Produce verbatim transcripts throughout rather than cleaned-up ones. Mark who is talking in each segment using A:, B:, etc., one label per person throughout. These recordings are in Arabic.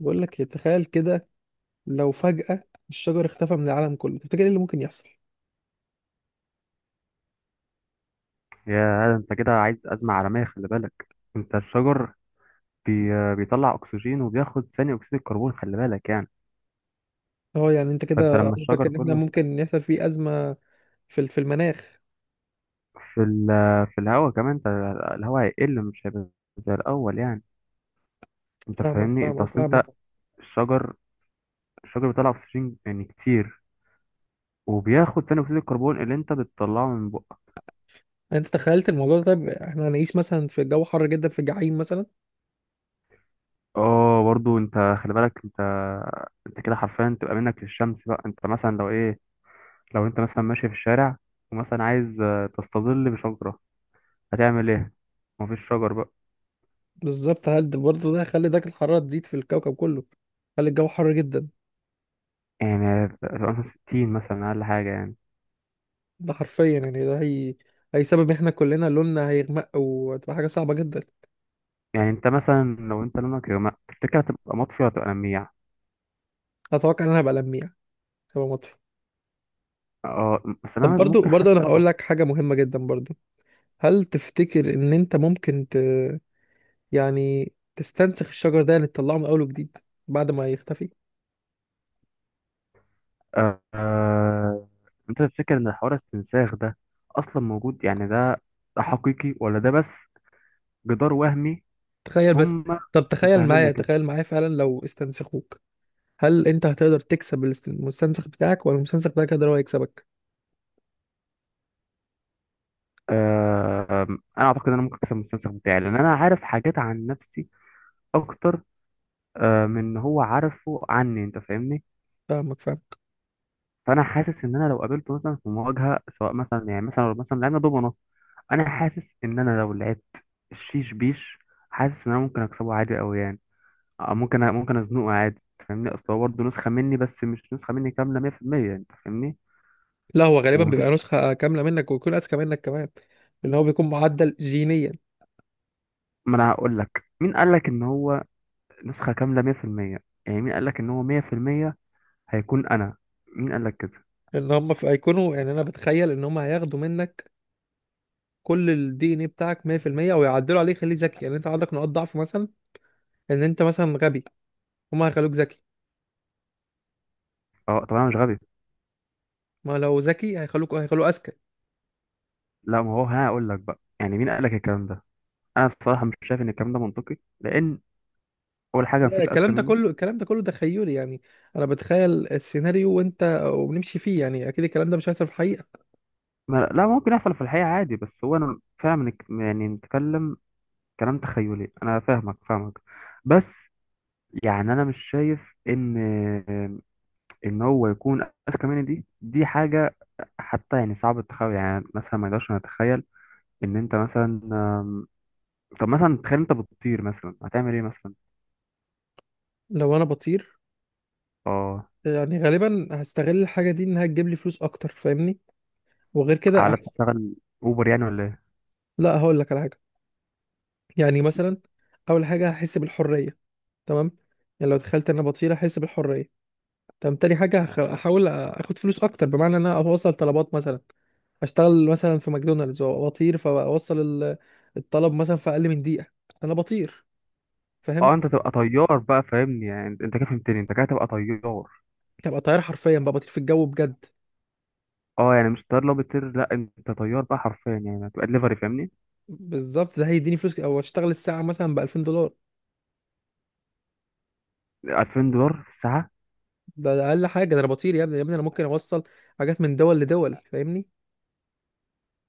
A: بقول لك إيه، تخيل كده لو فجأة الشجر اختفى من العالم كله. تفتكر ايه اللي ممكن يحصل؟
B: يا انت كده عايز أزمة عالمية، خلي بالك. انت الشجر بي... بيطلع اكسجين وبياخد ثاني اكسيد الكربون، خلي بالك يعني.
A: اه، يعني انت
B: فانت
A: كده
B: لما
A: قصدك
B: الشجر
A: ان احنا
B: كله
A: ممكن يحصل فيه أزمة في ال- في المناخ.
B: في ال... في الهواء كمان، انت الهواء هيقل، مش هيبقى زي الاول يعني. انت
A: فاهمك
B: فاهمني؟ انت
A: فاهمك
B: اصل انت
A: فاهمك.
B: الشجر الشجر بيطلع اكسجين يعني كتير، وبياخد ثاني اكسيد الكربون اللي انت بتطلعه من بقك.
A: انت تخيلت الموضوع ده؟ طيب احنا هنعيش مثلا في جو حر جدا، في الجحيم مثلا.
B: اه، برضو انت خلي بالك انت انت كده حرفيا تبقى منك للشمس بقى. انت مثلا لو ايه، لو انت مثلا ماشي في الشارع ومثلا عايز آه، تستظل بشجرة، هتعمل ايه؟ مفيش شجر بقى.
A: بالظبط. هل ده برضه ده هيخلي درجة الحرارة تزيد في الكوكب كله؟ هل الجو حر جدا؟
B: يعني هتبقى مثلا ستين مثلا، اقل حاجه يعني.
A: ده حرفيا يعني ده هي هيسبب ان احنا كلنا لوننا هيغمق وتبقى حاجة صعبة جدا.
B: يعني انت مثلا لو انت لونك، يا جماعة، تفتكر هتبقى مطفي ولا هتبقى لميع؟
A: اتوقع ان انا هبقى لميع، هبقى مطفي.
B: اه، بس
A: طب
B: انا
A: برضو
B: ممكن
A: برضو انا
B: حاسك
A: هقول لك
B: مطفي.
A: حاجه مهمه جدا برضو. هل تفتكر ان انت ممكن ت... يعني تستنسخ الشجر ده؟ يعني تطلعه من اول وجديد بعد ما يختفي.
B: آه آه، انت تفتكر ان حوار الاستنساخ ده اصلا موجود؟ يعني ده ده حقيقي ولا ده بس جدار وهمي؟
A: تخيل بس.
B: هم
A: طب تخيل
B: فاهميننا
A: معايا
B: كده.
A: تخيل معايا فعلا لو استنسخوك، هل انت هتقدر تكسب الاست- المستنسخ بتاعك، ولا المستنسخ بتاعك هيقدر هو يكسبك؟
B: آه، انا اعتقد ان انا ممكن اكسب المستنسخ بتاعي، لان انا عارف حاجات عن نفسي اكتر آه من إن هو عارفه عني. انت فاهمني؟
A: فاهمك فاهمك.
B: فانا حاسس ان انا لو قابلته مثلا في مواجهه، سواء مثلا يعني مثلا لو مثلا لعبنا دومنا، انا حاسس ان انا لو لعبت الشيش بيش، حاسس ان انا ممكن اكسبه عادي قوي يعني. أو ممكن ممكن ازنقه عادي. أنت فاهمني؟ اصل هو برضه نسخه مني، بس مش نسخه مني كامله مية في المية. انت فاهمني؟
A: لا، هو غالبا بيبقى
B: ومفيش.
A: نسخة كاملة منك ويكون اذكى منك كمان، لان هو بيكون معدل جينيا.
B: ما انا هقول لك مين قال لك ان هو نسخه كامله مية في المية؟ يعني مين قال لك ان هو مية في المية هيكون انا؟ مين قال لك كده؟
A: ان هم في هيكونوا، يعني انا بتخيل ان هم هياخدوا منك كل الدي ان ايه بتاعك مية بالمية، ويعدلوا عليه يخليه ذكي. يعني انت عندك نقاط ضعف مثلا، ان انت مثلا غبي، هما هيخلوك ذكي.
B: اه، طب انا مش غبي.
A: ما لو ذكي هيخلوك هيخلوه اذكى.
B: لا، ما هو هقول لك بقى، يعني مين قال لك الكلام ده؟ انا بصراحه مش شايف ان الكلام ده منطقي، لان اول حاجه
A: لا،
B: مفيش اذكى
A: الكلام ده
B: مني.
A: كله الكلام ده كله تخيلي يعني. انا بتخيل السيناريو وانت وبنمشي فيه. يعني اكيد الكلام ده مش هيحصل في الحقيقه.
B: ما لا، ممكن يحصل في الحقيقه عادي، بس هو انا فعلا منك- يعني نتكلم كلام تخيلي. انا فاهمك فاهمك بس. يعني انا مش شايف ان ان هو يكون اذكى مني. دي دي حاجه حتى يعني صعب التخيل. يعني مثلا ما اقدرش نتخيل ان انت مثلا أم، طب مثلا تخيل انت بتطير مثلا، هتعمل ايه مثلا؟
A: لو انا بطير،
B: اه،
A: يعني غالبا هستغل الحاجه دي انها تجيب لي فلوس اكتر، فاهمني؟ وغير كده
B: على
A: أح...
B: تشتغل اوبر يعني ولا ايه؟
A: لا هقول لك على حاجه. يعني مثلا اول حاجه هحس بالحريه، تمام؟ يعني لو تخيلت ان انا بطير هحس بالحريه. طب تاني حاجة هخ- هحاول اخد فلوس اكتر، بمعنى ان انا اوصل طلبات مثلا، اشتغل مثلا في ماكدونالدز واطير، فاوصل ال- الطلب مثلا في اقل من دقيقة. انا بطير، فاهم؟
B: اه، انت تبقى طيار بقى، فاهمني؟ يعني انت كده فهمتني، انت كده تبقى طيار.
A: تبقى طيار حرفيا بقى، بطير في الجو بجد.
B: اه، يعني مش طيار لو بتطير، لا انت طيار بقى حرفيا، يعني هتبقى دليفري. فاهمني؟
A: بالظبط. ده هيديني فلوس، او اشتغل الساعة مثلا ب ألفين دولار.
B: ألفين دولار في الساعه؟
A: ده, ده اقل حاجة. ده انا بطير يا ابني يا ابني، انا ممكن اوصل حاجات من دول لدول، فاهمني؟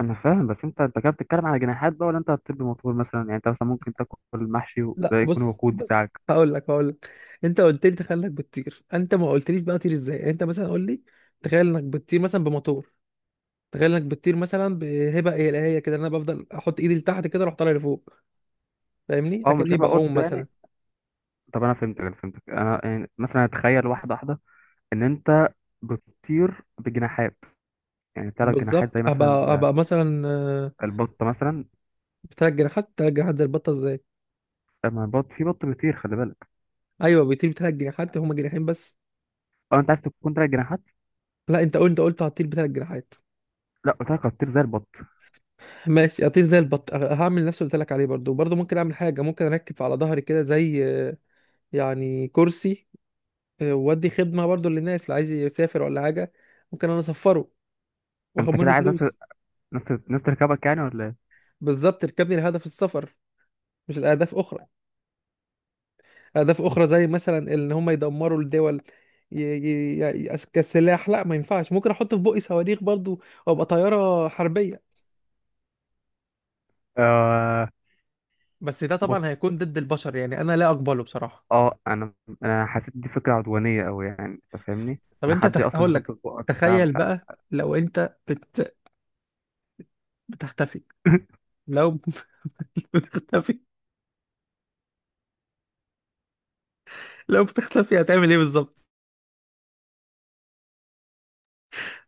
B: انا فاهم، بس انت انت كده بتتكلم على جناحات بقى، ولا انت هتطير بموتور مثلا؟ يعني انت مثلا ممكن تاكل المحشي وده
A: لا
B: يكون
A: بص،
B: الوقود
A: بس
B: بتاعك.
A: هقول لك هقول لك، انت قلت لي تخيل انك بتطير، انت ما قلتليش بقى طير ازاي. يعني انت مثلا قول لي تخيل انك بتطير مثلا بموتور، تخيل انك بتطير مثلا بهبه الهيه كده، إن انا بفضل احط ايدي لتحت كده اروح طالع لفوق، فاهمني؟
B: اه، مش
A: اكني
B: هيبقى
A: بعوم
B: قط
A: مثلا.
B: يعني؟ طب انا فهمتك انا فهمتك. انا يعني مثلا اتخيل واحده واحده ان انت بتطير بجناحات. يعني ثلاث جناحات
A: بالظبط.
B: زي مثلا
A: ابقى
B: ال-
A: ابقى مثلا، آه،
B: البطه مثلا.
A: بتلات جناحات، تلات جناحات زي البطه ازاي؟
B: لما البط في بط بيطير، خلي بالك.
A: ايوه، بيطير بتلات جناحات، هما جناحين بس.
B: اه، انت عايز تكون ثلاث جناحات؟
A: لا انت قلت انت قلت هطير بتلات جناحات.
B: لا، قلت لك هتطير زي البط.
A: ماشي، هطير زي البط. أه، هعمل نفس اللي قلت لك عليه. برضو برضو ممكن اعمل حاجه، ممكن اركب على ظهري كده، زي آه، يعني كرسي، آه، وادي خدمه برضو للناس اللي عايز يسافر ولا حاجه. ممكن انا اسفره واخد
B: انت كده
A: منه
B: عايز ناس
A: فلوس.
B: ناس ناس تركبك يعني ولا ايه؟
A: بالظبط، ركبني لهدف السفر، مش الاهداف اخرى. أهداف أخرى زي مثلا إن هم يدمروا الدول، ي... ي... ي... كسلاح، لا ما ينفعش. ممكن أحط في بقي صواريخ برضو وأبقى طيارة حربية،
B: آه.
A: بس ده
B: بص،
A: طبعا هيكون ضد البشر، يعني أنا لا أقبله بصراحة.
B: اه انا انا حسيت دي فكره عدوانيه قوي يعني. انت فاهمني؟
A: طب
B: ان
A: أنت
B: حد
A: تخ...
B: اصلا
A: هقول
B: يحط
A: لك،
B: في بقك بتاع
A: تخيل
B: مش عارف.
A: بقى لو أنت بت... بتختفي. لو بتختفي، لو بتختفي هتعمل إيه بالظبط؟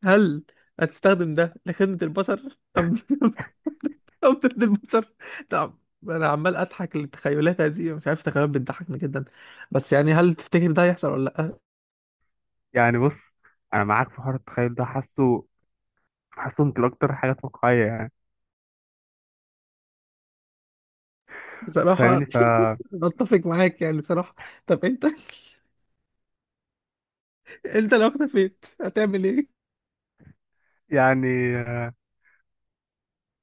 A: هل هتستخدم ده لخدمة البشر أم كوثر البشر؟ نعم، انا عمال اضحك للتخيلات هذه، مش عارف، تخيلات بتضحكني جدا. بس يعني هل تفتكر ده هيحصل ولا لا؟
B: يعني بص، انا معاك في حوار التخيل ده. حاسه حاسه يمكن اكتر حاجات واقعيه يعني.
A: بصراحه
B: فاهمني؟ ف
A: أنا اتفق معاك، يعني بصراحه. طب انت انت لو اختفيت هتعمل ايه؟
B: يعني آه،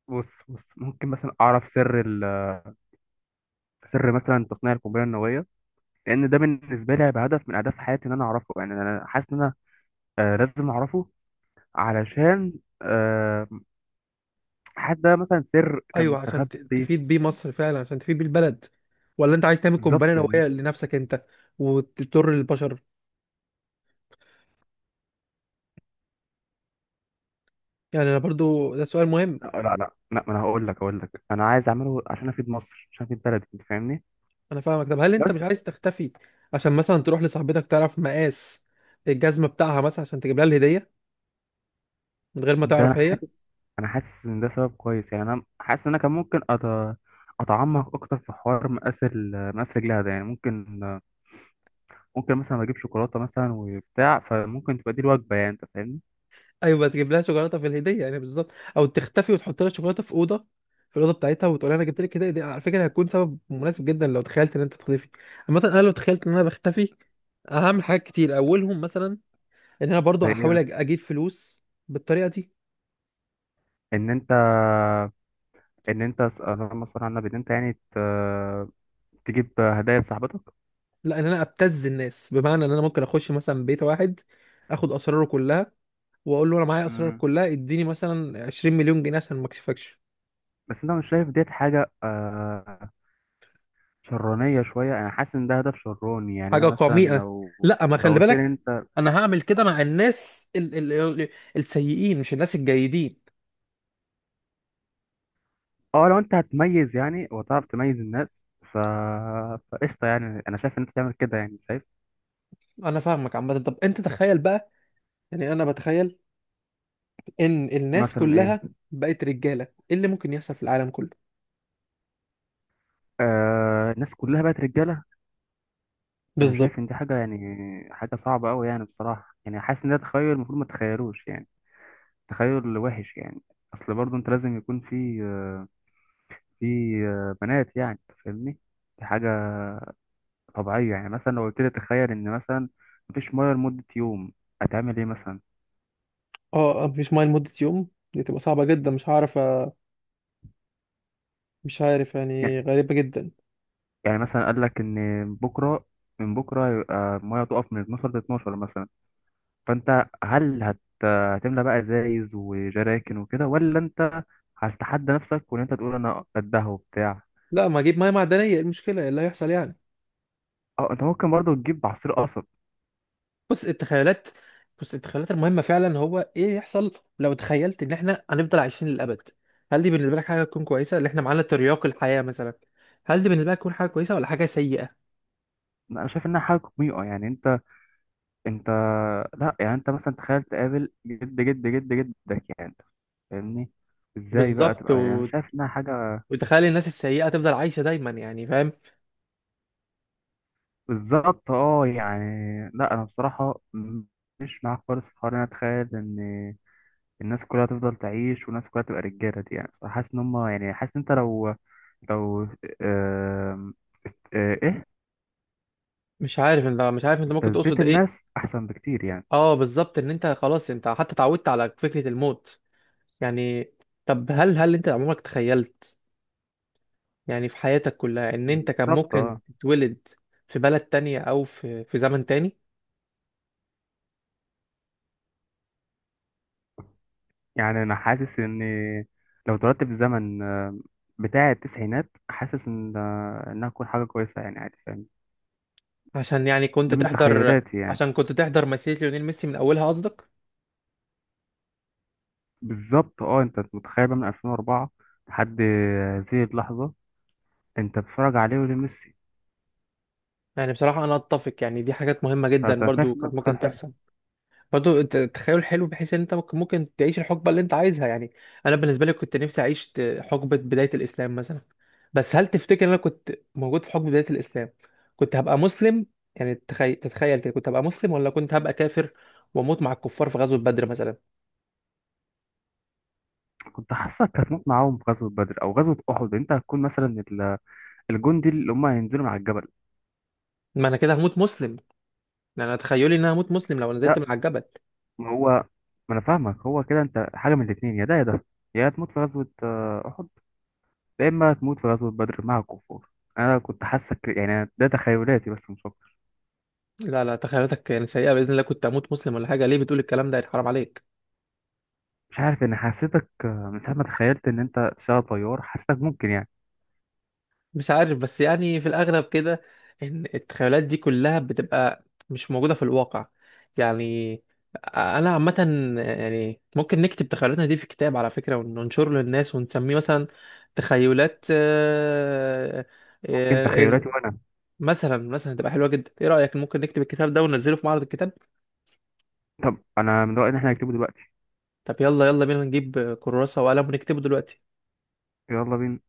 B: بص بص ممكن مثلا اعرف سر ال... سر مثلا تصنيع القنبله النوويه، لان ده بالنسبه لي هيبقى هدف من اهداف حياتي ان انا اعرفه. يعني انا حاسس ان انا آه، لازم اعرفه، علشان آه، حاسس ده مثلا سر كان
A: ايوه، عشان ت-
B: مستخبي.
A: تفيد بيه مصر فعلا، عشان تفيد بيه البلد، ولا انت عايز تعمل
B: بالظبط
A: قنبله
B: يعني.
A: نوويه لنفسك انت وتضر البشر؟ يعني انا برضو ده سؤال مهم.
B: لا لا لا لا ما انا هقول لك هقول لك انا عايز اعمله عشان افيد مصر، عشان افيد بلدي. انت فاهمني؟
A: انا فاهمك. طب هل انت
B: بس
A: مش عايز تختفي عشان مثلا تروح لصاحبتك تعرف مقاس الجزمه بتاعها مثلا، عشان تجيب لها الهديه من غير ما
B: ده انا
A: تعرف هي؟
B: حاسس انا حاسس ان ده سبب كويس. يعني انا حاسس ان انا كان ممكن أت... اتعمق اكتر في حوار مقاس ال- مقاس رجلها ده. يعني ممكن ممكن مثلا اجيب شوكولاته مثلا وبتاع، فممكن تبقى دي الوجبه يعني. انت فاهمني؟
A: ايوه تجيب لها شوكولاته في الهديه، يعني بالظبط، او تختفي وتحط لها شوكولاته في اوضه في الاوضه بتاعتها، وتقول لها انا جبت لك هديه. دي على فكره هتكون سبب مناسب جدا لو تخيلت ان انت تختفي. عامه انا لو تخيلت ان انا بختفي، هعمل حاجات كتير، اولهم مثلا ان انا برضو
B: زي ايه
A: هحاول
B: مثلا؟
A: أج- اجيب فلوس بالطريقه دي.
B: ان انت، ان انت اللهم صل على النبي، ان انت يعني ت... تجيب هدايا لصاحبتك.
A: لا، ان انا ابتز الناس، بمعنى ان انا ممكن اخش مثلا بيت واحد، اخد اسراره كلها، واقول له انا معايا اسرارك
B: مم.
A: كلها، اديني مثلا عشرين مليون جنيه عشان ما اكشفكش.
B: بس انت مش شايف ديت حاجه آه، شرانية شوية؟ أنا حاسس إن ده هدف شراني. يعني أنا
A: حاجه
B: مثلا
A: قميئه؟
B: لو،
A: لا، ما
B: لو
A: خلي
B: قلت لي
A: بالك،
B: أنت.
A: انا هعمل كده مع الناس ال ال ال السيئين، مش الناس الجيدين.
B: أه، لو أنت هتميز يعني وتعرف تميز الناس، ف فقشطة يعني. أنا شايف إن أنت تعمل كده يعني، شايف.
A: انا فاهمك. عامه طب انت تخيل بقى، يعني انا بتخيل ان الناس
B: مثلا إيه؟
A: كلها بقت رجاله، ايه اللي ممكن يحصل في العالم كله؟
B: آه، الناس كلها بقت رجالة. أنا شايف
A: بالظبط.
B: إن دي حاجة يعني، حاجة صعبة أوي يعني، بصراحة. يعني حاسس إن ده تخيل المفروض ما تتخيلوش يعني، تخيل وحش يعني. أصل برضه أنت لازم يكون في آه، في آه، بنات يعني. أنت فاهمني؟ دي حاجة طبيعية. يعني مثلا لو قلت لي تخيل إن مثلا مفيش مية لمدة يوم، هتعمل إيه مثلا؟
A: اه، مفيش ميه لمده يوم؟ دي تبقى صعبه جدا، مش هعرف أ- مش عارف،
B: يعني،
A: يعني غريبه جدا.
B: يعني مثلا قال لك إن بكرة، من بكرة هيبقى المية تقف من اتناشر ل اثنا عشر مثلا، فأنت هل هت... هتملى بقى ازايز وجراكن وكده، ولا أنت هتتحدى نفسك وإن أنت تقول أنا قدها وبتاع؟
A: لا، ما اجيب ميه معدنيه، ايه المشكله، إيه اللي هيحصل يعني؟
B: أه، أنت ممكن برضه تجيب عصير قصب.
A: بص التخيلات بص التخيلات المهمة فعلا هو ايه يحصل. لو تخيلت ان احنا هنفضل عايشين للأبد، هل دي بالنسبة لك حاجة تكون كويسة، اللي احنا معانا ترياق الحياة مثلا؟ هل دي بالنسبة لك تكون حاجة كويسة ولا حاجة سيئة؟
B: لا، أنا شايف إنها حاجة قميئة. يعني أنت، أنت، لا يعني أنت مثلا تخيل تقابل جد جد جد جدك يعني. فاهمني؟ ازاي بقى
A: بالظبط،
B: تبقى؟ يعني
A: و...
B: شايف انها حاجه.
A: وتخيل الناس السيئة تفضل عايشة دايما، يعني فاهم.
B: بالظبط، اه يعني لا، انا بصراحه م- مش معاك خالص في حوار إن انا اتخيل ان الناس كلها تفضل تعيش، والناس كلها تبقى رجاله. دي يعني بصراحة حاسس ان هم يعني، حاسس انت لو، لو آم، آه، ايه.
A: مش عارف، انت مش عارف انت ممكن
B: ابتزيت
A: تقصد ايه.
B: الناس احسن بكتير يعني.
A: اه بالظبط، ان انت خلاص انت حتى اتعودت على فكرة الموت يعني. طب هل هل انت عمرك تخيلت، يعني في حياتك كلها، ان انت كان
B: بالظبط،
A: ممكن
B: اه
A: تتولد في بلد تانية، او في في زمن تاني؟
B: يعني انا حاسس ان لو اتولدت في الزمن آم، بتاع التسعينات، حاسس ان آه، انها تكون حاجه كويسه يعني، عادي. فاهم؟
A: عشان يعني كنت
B: ده من
A: تحضر،
B: تخيلاتي يعني.
A: عشان كنت تحضر مسيرة ليونيل ميسي من أولها قصدك؟
B: بالظبط، اه انت متخيل بقى من ألفين وأربعة لحد هذه اللحظه انت بتتفرج عليه، ولميسي.
A: يعني بصراحة أنا أتفق، يعني دي حاجات مهمة جدا،
B: فانت
A: برضو
B: شايف ان هو
A: كانت
B: تخيل
A: ممكن
B: حلو.
A: تحصل. برضو الت- التخيل حلو، بحيث إن أنت ممكن ممكن تعيش الحقبة اللي أنت عايزها يعني. أنا بالنسبة لي كنت نفسي أعيش ت- حقبة بداية الإسلام مثلا. بس هل تفتكر إن أنا كنت موجود في حقبة بداية الإسلام كنت هبقى مسلم؟ يعني تخيل، تتخيل كده كنت هبقى مسلم ولا كنت هبقى كافر وأموت مع الكفار في غزوة بدر مثلا؟
B: كنت حاسسك هتموت معاهم في غزوه بدر او غزوه احد. انت هتكون مثلا ال- الجندي اللي هم هينزلوا مع الجبل.
A: ما أنا كده هموت مسلم، يعني أنا تخيلي إن أنا هموت مسلم لو نزلت
B: لا،
A: من على الجبل.
B: ما هو، ما انا فاهمك هو كده. انت حاجه من الاثنين، يا ده يا ده. يا تموت في غزوه آه، احد، يا اما تموت في غزوه بدر مع الكفار. انا كنت حاسك يعني، ده تخيلاتي بس مش اكتر.
A: لا لا، تخيلاتك يعني سيئة، بإذن الله كنت أموت مسلم ولا حاجة، ليه بتقول الكلام ده، يعني حرام عليك.
B: مش عارف، انا حسيتك آه، من ساعه ما تخيلت ان انت تشتغل طيار، حسيتك ممكن يعني.
A: مش عارف، بس يعني في الأغلب كده، إن التخيلات دي كلها بتبقى مش موجودة في الواقع. يعني أنا عامة، يعني ممكن نكتب تخيلاتنا دي في كتاب على فكرة، وننشره للناس، ونسميه مثلا تخيلات آه،
B: ممكن
A: آه،
B: تخيلاتي وانا.
A: مثلا مثلا تبقى حلوة جدا. إيه رأيك، ممكن نكتب الكتاب ده وننزله في معرض الكتاب؟
B: طب انا من رأيي ان احنا نكتبه دلوقتي.
A: طب يلا يلا بينا نجيب كراسة وقلم ونكتبه دلوقتي.
B: يلا بينا.